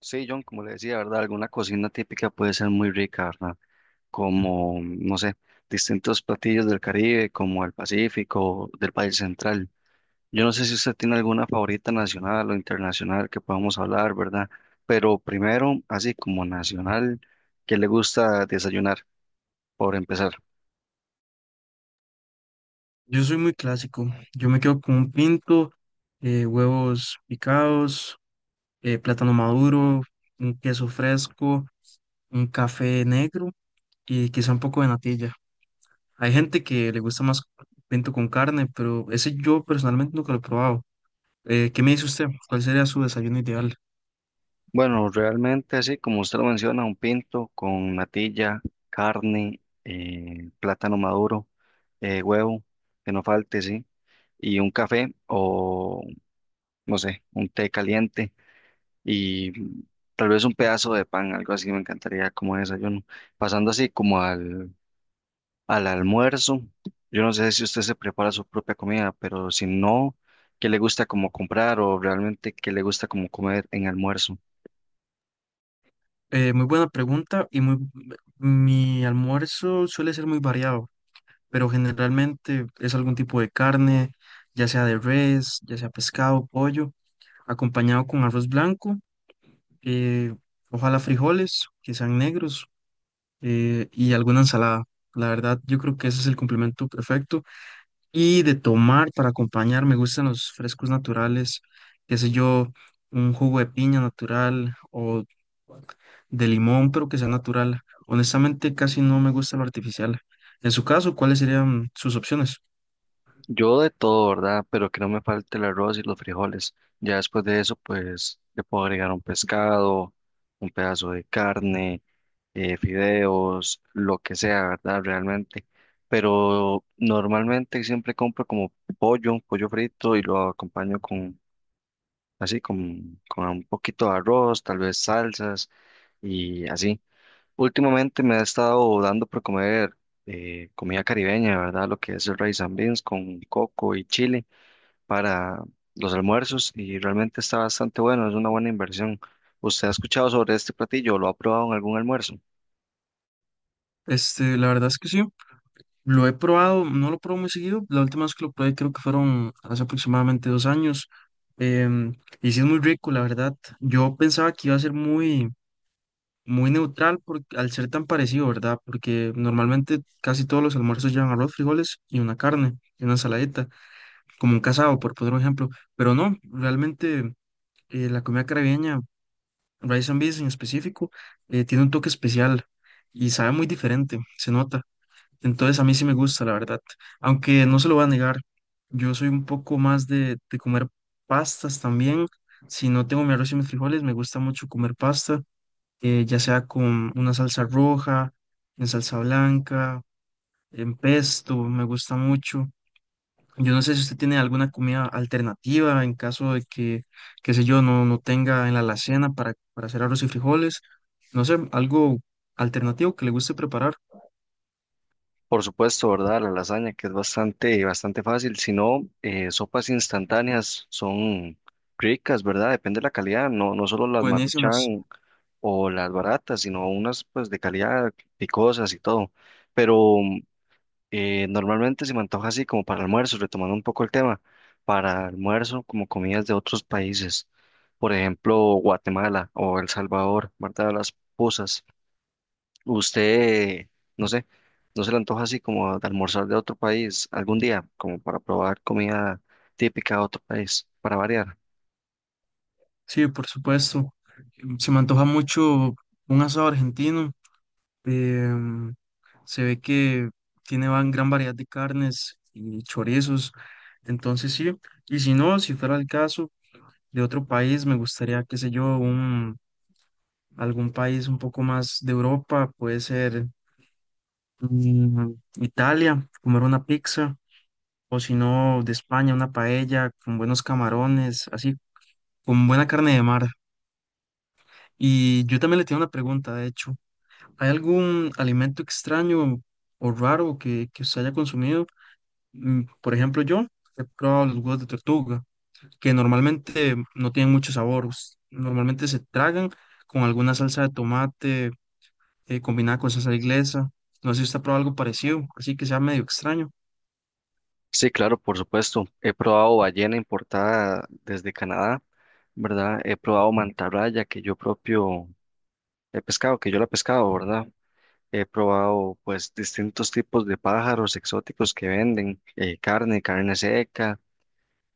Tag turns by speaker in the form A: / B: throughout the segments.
A: Sí, John, como le decía, ¿verdad? Alguna cocina típica puede ser muy rica, ¿verdad? Como, no sé, distintos platillos del Caribe, como el Pacífico, del país central. Yo no sé si usted tiene alguna favorita nacional o internacional que podamos hablar, ¿verdad? Pero primero, así como nacional, ¿qué le gusta desayunar, por empezar?
B: Yo soy muy clásico. Yo me quedo con un pinto, huevos picados, plátano maduro, un queso fresco, un café negro y quizá un poco de natilla. Hay gente que le gusta más pinto con carne, pero ese yo personalmente nunca lo he probado. ¿qué me dice usted? ¿Cuál sería su desayuno ideal?
A: Bueno, realmente, así como usted lo menciona, un pinto con natilla, carne, plátano maduro, huevo, que no falte, sí. Y un café o, no sé, un té caliente y tal vez un pedazo de pan, algo así me encantaría como desayuno. Pasando así como al almuerzo, yo no sé si usted se prepara su propia comida, pero si no, ¿qué le gusta como comprar o realmente qué le gusta como comer en almuerzo?
B: Muy buena pregunta. Mi almuerzo suele ser muy variado, pero generalmente es algún tipo de carne, ya sea de res, ya sea pescado, pollo, acompañado con arroz blanco, eh, ojalá frijoles que sean negros y alguna ensalada. La verdad, yo creo que ese es el complemento perfecto. Y de tomar para acompañar, me gustan los frescos naturales, qué sé yo, un jugo de piña natural o de limón, pero que sea natural. Honestamente, casi no me gusta lo artificial. En su caso, ¿cuáles serían sus opciones?
A: Yo de todo, ¿verdad? Pero que no me falte el arroz y los frijoles. Ya después de eso, pues le puedo agregar un pescado, un pedazo de carne, fideos, lo que sea, ¿verdad? Realmente. Pero normalmente siempre compro como pollo, pollo frito y lo acompaño con, así, con un poquito de arroz, tal vez salsas y así. Últimamente me ha estado dando por comer comida caribeña, ¿verdad? Lo que es el rice and beans con coco y chile para los almuerzos y realmente está bastante bueno, es una buena inversión. ¿Usted ha escuchado sobre este platillo? ¿Lo ha probado en algún almuerzo?
B: Este, la verdad es que sí. Lo he probado, no lo pruebo muy seguido. La última vez que lo probé creo que fueron hace aproximadamente dos años. em, y sí es muy rico, la verdad. Yo pensaba que iba a ser muy neutral por, al ser tan parecido, ¿verdad? Porque normalmente casi todos los almuerzos llevan arroz, frijoles y una carne, y una ensaladita, como un casado, por poner un ejemplo. Pero no, realmente la comida caribeña, rice and beans en específico, tiene un toque especial y sabe muy diferente, se nota. Entonces a mí sí me gusta, la verdad. Aunque no se lo voy a negar, yo soy un poco más de comer pastas también. Si no tengo mi arroz y mis frijoles, me gusta mucho comer pasta, ya sea con una salsa roja, en salsa blanca, en pesto, me gusta mucho. Yo no sé si usted tiene alguna comida alternativa en caso de que, qué sé yo, no tenga en la alacena para hacer arroz y frijoles. No sé, algo alternativo que le guste preparar.
A: Por supuesto, ¿verdad? La lasaña, que es bastante, bastante fácil. Si no, sopas instantáneas son ricas, ¿verdad? Depende de la calidad, no, no solo las
B: Buenísimas.
A: Maruchan o las baratas, sino unas pues de calidad picosas y todo. Pero normalmente se me antoja así como para almuerzo, retomando un poco el tema, para almuerzo como comidas de otros países, por ejemplo, Guatemala o El Salvador, ¿verdad? Las puzas. Usted, no sé, no se le antoja así como de almorzar de otro país algún día, como para probar comida típica de otro país, para variar.
B: Sí, por supuesto. Se me antoja mucho un asado argentino. em, Se ve que tiene gran variedad de carnes y chorizos. Entonces sí, y si no, si fuera el caso de otro país, me gustaría, qué sé yo, un, algún país un poco más de Europa, puede ser mm, Italia, comer una pizza, o si no, de España, una paella con buenos camarones, así, con buena carne de mar. Y yo también le tengo una pregunta, de hecho. ¿Hay algún alimento extraño o raro que usted haya consumido? Por ejemplo, yo he probado los huevos de tortuga, que normalmente no tienen mucho sabor. Normalmente se tragan con alguna salsa de tomate combinada con salsa inglesa. No sé si usted ha probado algo parecido, así que sea medio extraño.
A: Sí, claro, por supuesto. He probado ballena importada desde Canadá, ¿verdad? He probado mantarraya que yo propio he pescado, que yo la he pescado, ¿verdad? He probado pues distintos tipos de pájaros exóticos que venden, carne, carne seca.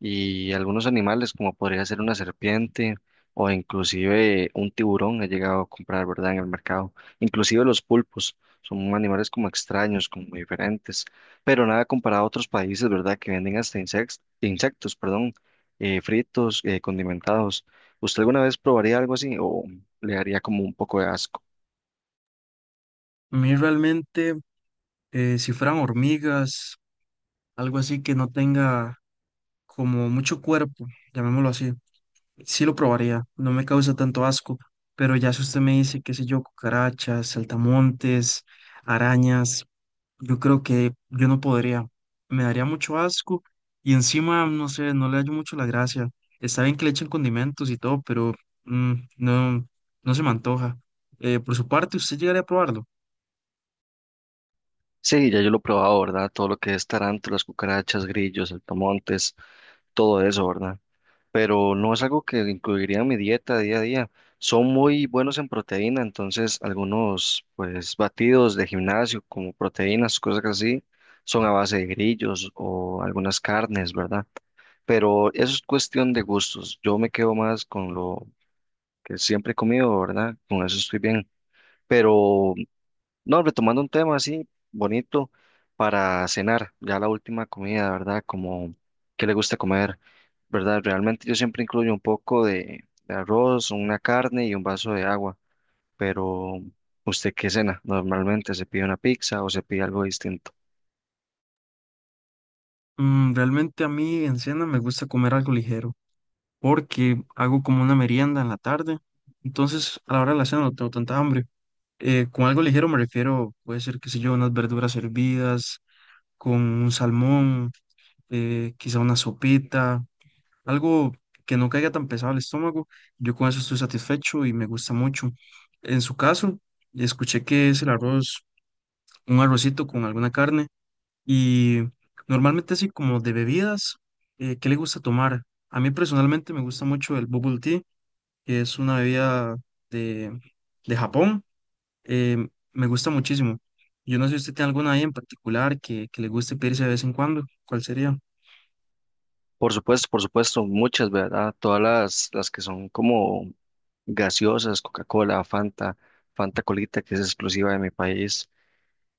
A: Y algunos animales como podría ser una serpiente o inclusive un tiburón he llegado a comprar, ¿verdad? En el mercado. Inclusive los pulpos son animales como extraños, como diferentes, pero nada comparado a otros países, ¿verdad? Que venden hasta insectos, insectos, perdón, fritos, condimentados. ¿Usted alguna vez probaría algo así o le daría como un poco de asco?
B: A mí realmente, si fueran hormigas, algo así que no tenga como mucho cuerpo, llamémoslo así. Sí lo probaría, no me causa tanto asco, pero ya si usted me dice, qué sé yo, cucarachas, saltamontes, arañas, yo creo que yo no podría, me daría mucho asco y encima, no sé, no le hallo mucho la gracia. Está bien que le echen condimentos y todo, pero no, no se me antoja. ¿Por su parte, usted llegaría a probarlo?
A: Sí, ya yo lo he probado, ¿verdad? Todo lo que es tarántulas, cucarachas, grillos, saltamontes, todo eso, ¿verdad? Pero no es algo que incluiría en mi dieta día a día. Son muy buenos en proteína, entonces algunos pues batidos de gimnasio como proteínas, cosas así, son a base de grillos o algunas carnes, ¿verdad? Pero eso es cuestión de gustos. Yo me quedo más con lo que siempre he comido, ¿verdad? Con eso estoy bien. Pero no, retomando un tema así bonito para cenar, ya la última comida, ¿verdad? Como qué le gusta comer, ¿verdad? Realmente yo siempre incluyo un poco de arroz, una carne y un vaso de agua, pero ¿usted qué cena? Normalmente se pide una pizza o se pide algo distinto.
B: Realmente a mí en cena me gusta comer algo ligero, porque hago como una merienda en la tarde, entonces a la hora de la cena no tengo tanta hambre. Con algo ligero me refiero, puede ser, qué sé yo, unas verduras hervidas, con un salmón, quizá una sopita, algo que no caiga tan pesado al estómago. Yo con eso estoy satisfecho y me gusta mucho. En su caso, escuché que es el arroz, un arrocito con alguna carne y normalmente así como de bebidas, ¿qué le gusta tomar? A mí personalmente me gusta mucho el bubble tea, que es una bebida de, de Japón, eh, me gusta muchísimo. Yo no sé si usted tiene alguna ahí en particular que le guste pedirse de vez en cuando. ¿Cuál sería?
A: Por supuesto, muchas, ¿verdad? Todas las que son como gaseosas, Coca-Cola, Fanta, Fanta Colita, que es exclusiva de mi país.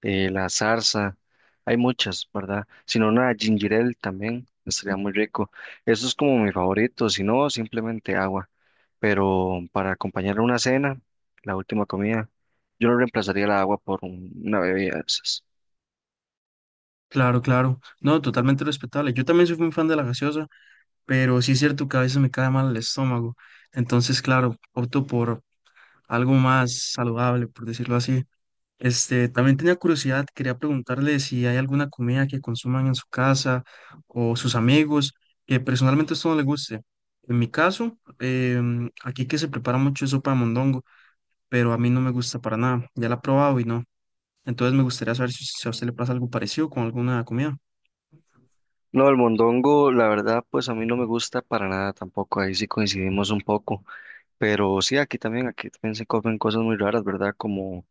A: La zarza, hay muchas, ¿verdad? Si no, una ginger ale también estaría muy rico. Eso es como mi favorito, si no, simplemente agua. Pero para acompañar una cena, la última comida, yo no reemplazaría la agua por una bebida de esas.
B: Claro, claro. No, totalmente respetable. Yo también soy un fan de la gaseosa, pero sí es cierto que a veces me cae mal el estómago. Entonces, claro, opto por algo más saludable, por decirlo así. Este, también tenía curiosidad, quería preguntarle si hay alguna comida que consuman en su casa o sus amigos, que personalmente a usted no le guste. En mi caso, aquí que se prepara mucho es sopa de mondongo, pero a mí no me gusta para nada. Ya la he probado y no. Entonces me gustaría saber si a usted le pasa algo parecido con alguna comida.
A: No, el mondongo, la verdad, pues a mí no me gusta para nada tampoco, ahí sí coincidimos un poco, pero sí, aquí también se comen cosas muy raras, ¿verdad? Como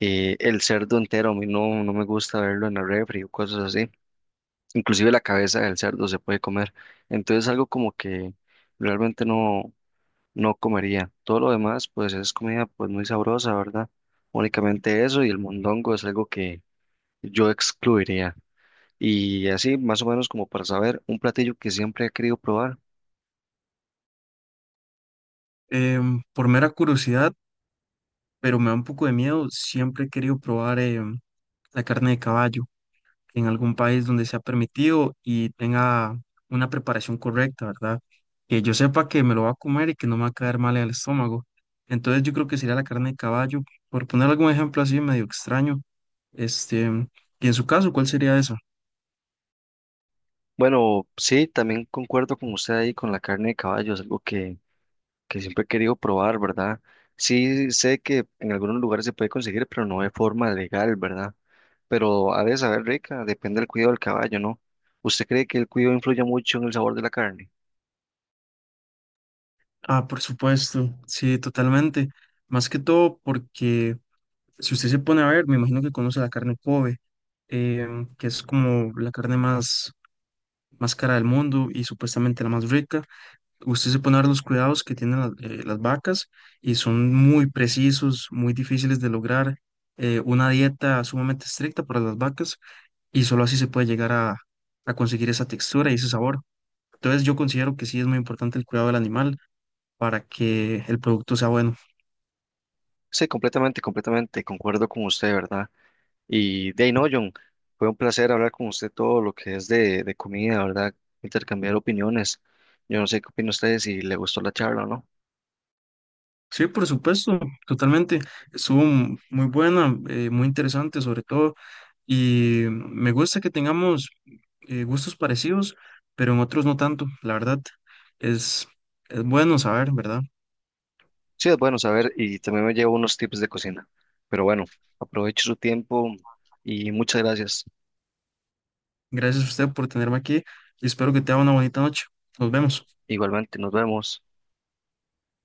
A: el cerdo entero, a mí no, no me gusta verlo en la refri o cosas así. Inclusive la cabeza del cerdo se puede comer. Entonces algo como que realmente no, no comería. Todo lo demás pues es comida pues muy sabrosa, ¿verdad? Únicamente eso y el mondongo es algo que yo excluiría. Y así más o menos como para saber, un platillo que siempre he querido probar.
B: Por mera curiosidad, pero me da un poco de miedo, siempre he querido probar la carne de caballo en algún país donde sea permitido y tenga una preparación correcta, ¿verdad? Que yo sepa que me lo va a comer y que no me va a caer mal en el estómago. Entonces yo creo que sería la carne de caballo, por poner algún ejemplo así medio extraño. Este, y en su caso, ¿cuál sería esa?
A: Bueno, sí, también concuerdo con usted ahí con la carne de caballo, es algo que siempre he querido probar, ¿verdad? Sí sé que en algunos lugares se puede conseguir, pero no de forma legal, ¿verdad? Pero ha de saber rica, depende del cuidado del caballo, ¿no? ¿Usted cree que el cuidado influye mucho en el sabor de la carne?
B: Ah, por supuesto, sí, totalmente. Más que todo porque si usted se pone a ver, me imagino que conoce la carne Kobe, que es como la carne más cara del mundo y supuestamente la más rica. Usted se pone a ver los cuidados que tienen las vacas y son muy precisos, muy difíciles de lograr. Una dieta sumamente estricta para las vacas y solo así se puede llegar a conseguir esa textura y ese sabor. Entonces yo considero que sí es muy importante el cuidado del animal para que el producto sea bueno.
A: Sí, completamente, completamente, concuerdo con usted, ¿verdad? Y de ahí no, John, fue un placer hablar con usted todo lo que es de comida, ¿verdad? Intercambiar opiniones. Yo no sé qué opina usted, si le gustó la charla o no.
B: Sí, por supuesto, totalmente. Estuvo muy buena, muy interesante sobre todo, y me gusta que tengamos gustos parecidos, pero en otros no tanto. La verdad, es, es bueno saber, ¿verdad?
A: Sí, es bueno saber y también me llevo unos tips de cocina. Pero bueno, aprovecho su tiempo y muchas gracias.
B: Gracias a usted por tenerme aquí y espero que te tenga una bonita noche. Nos vemos.
A: Igualmente, nos vemos.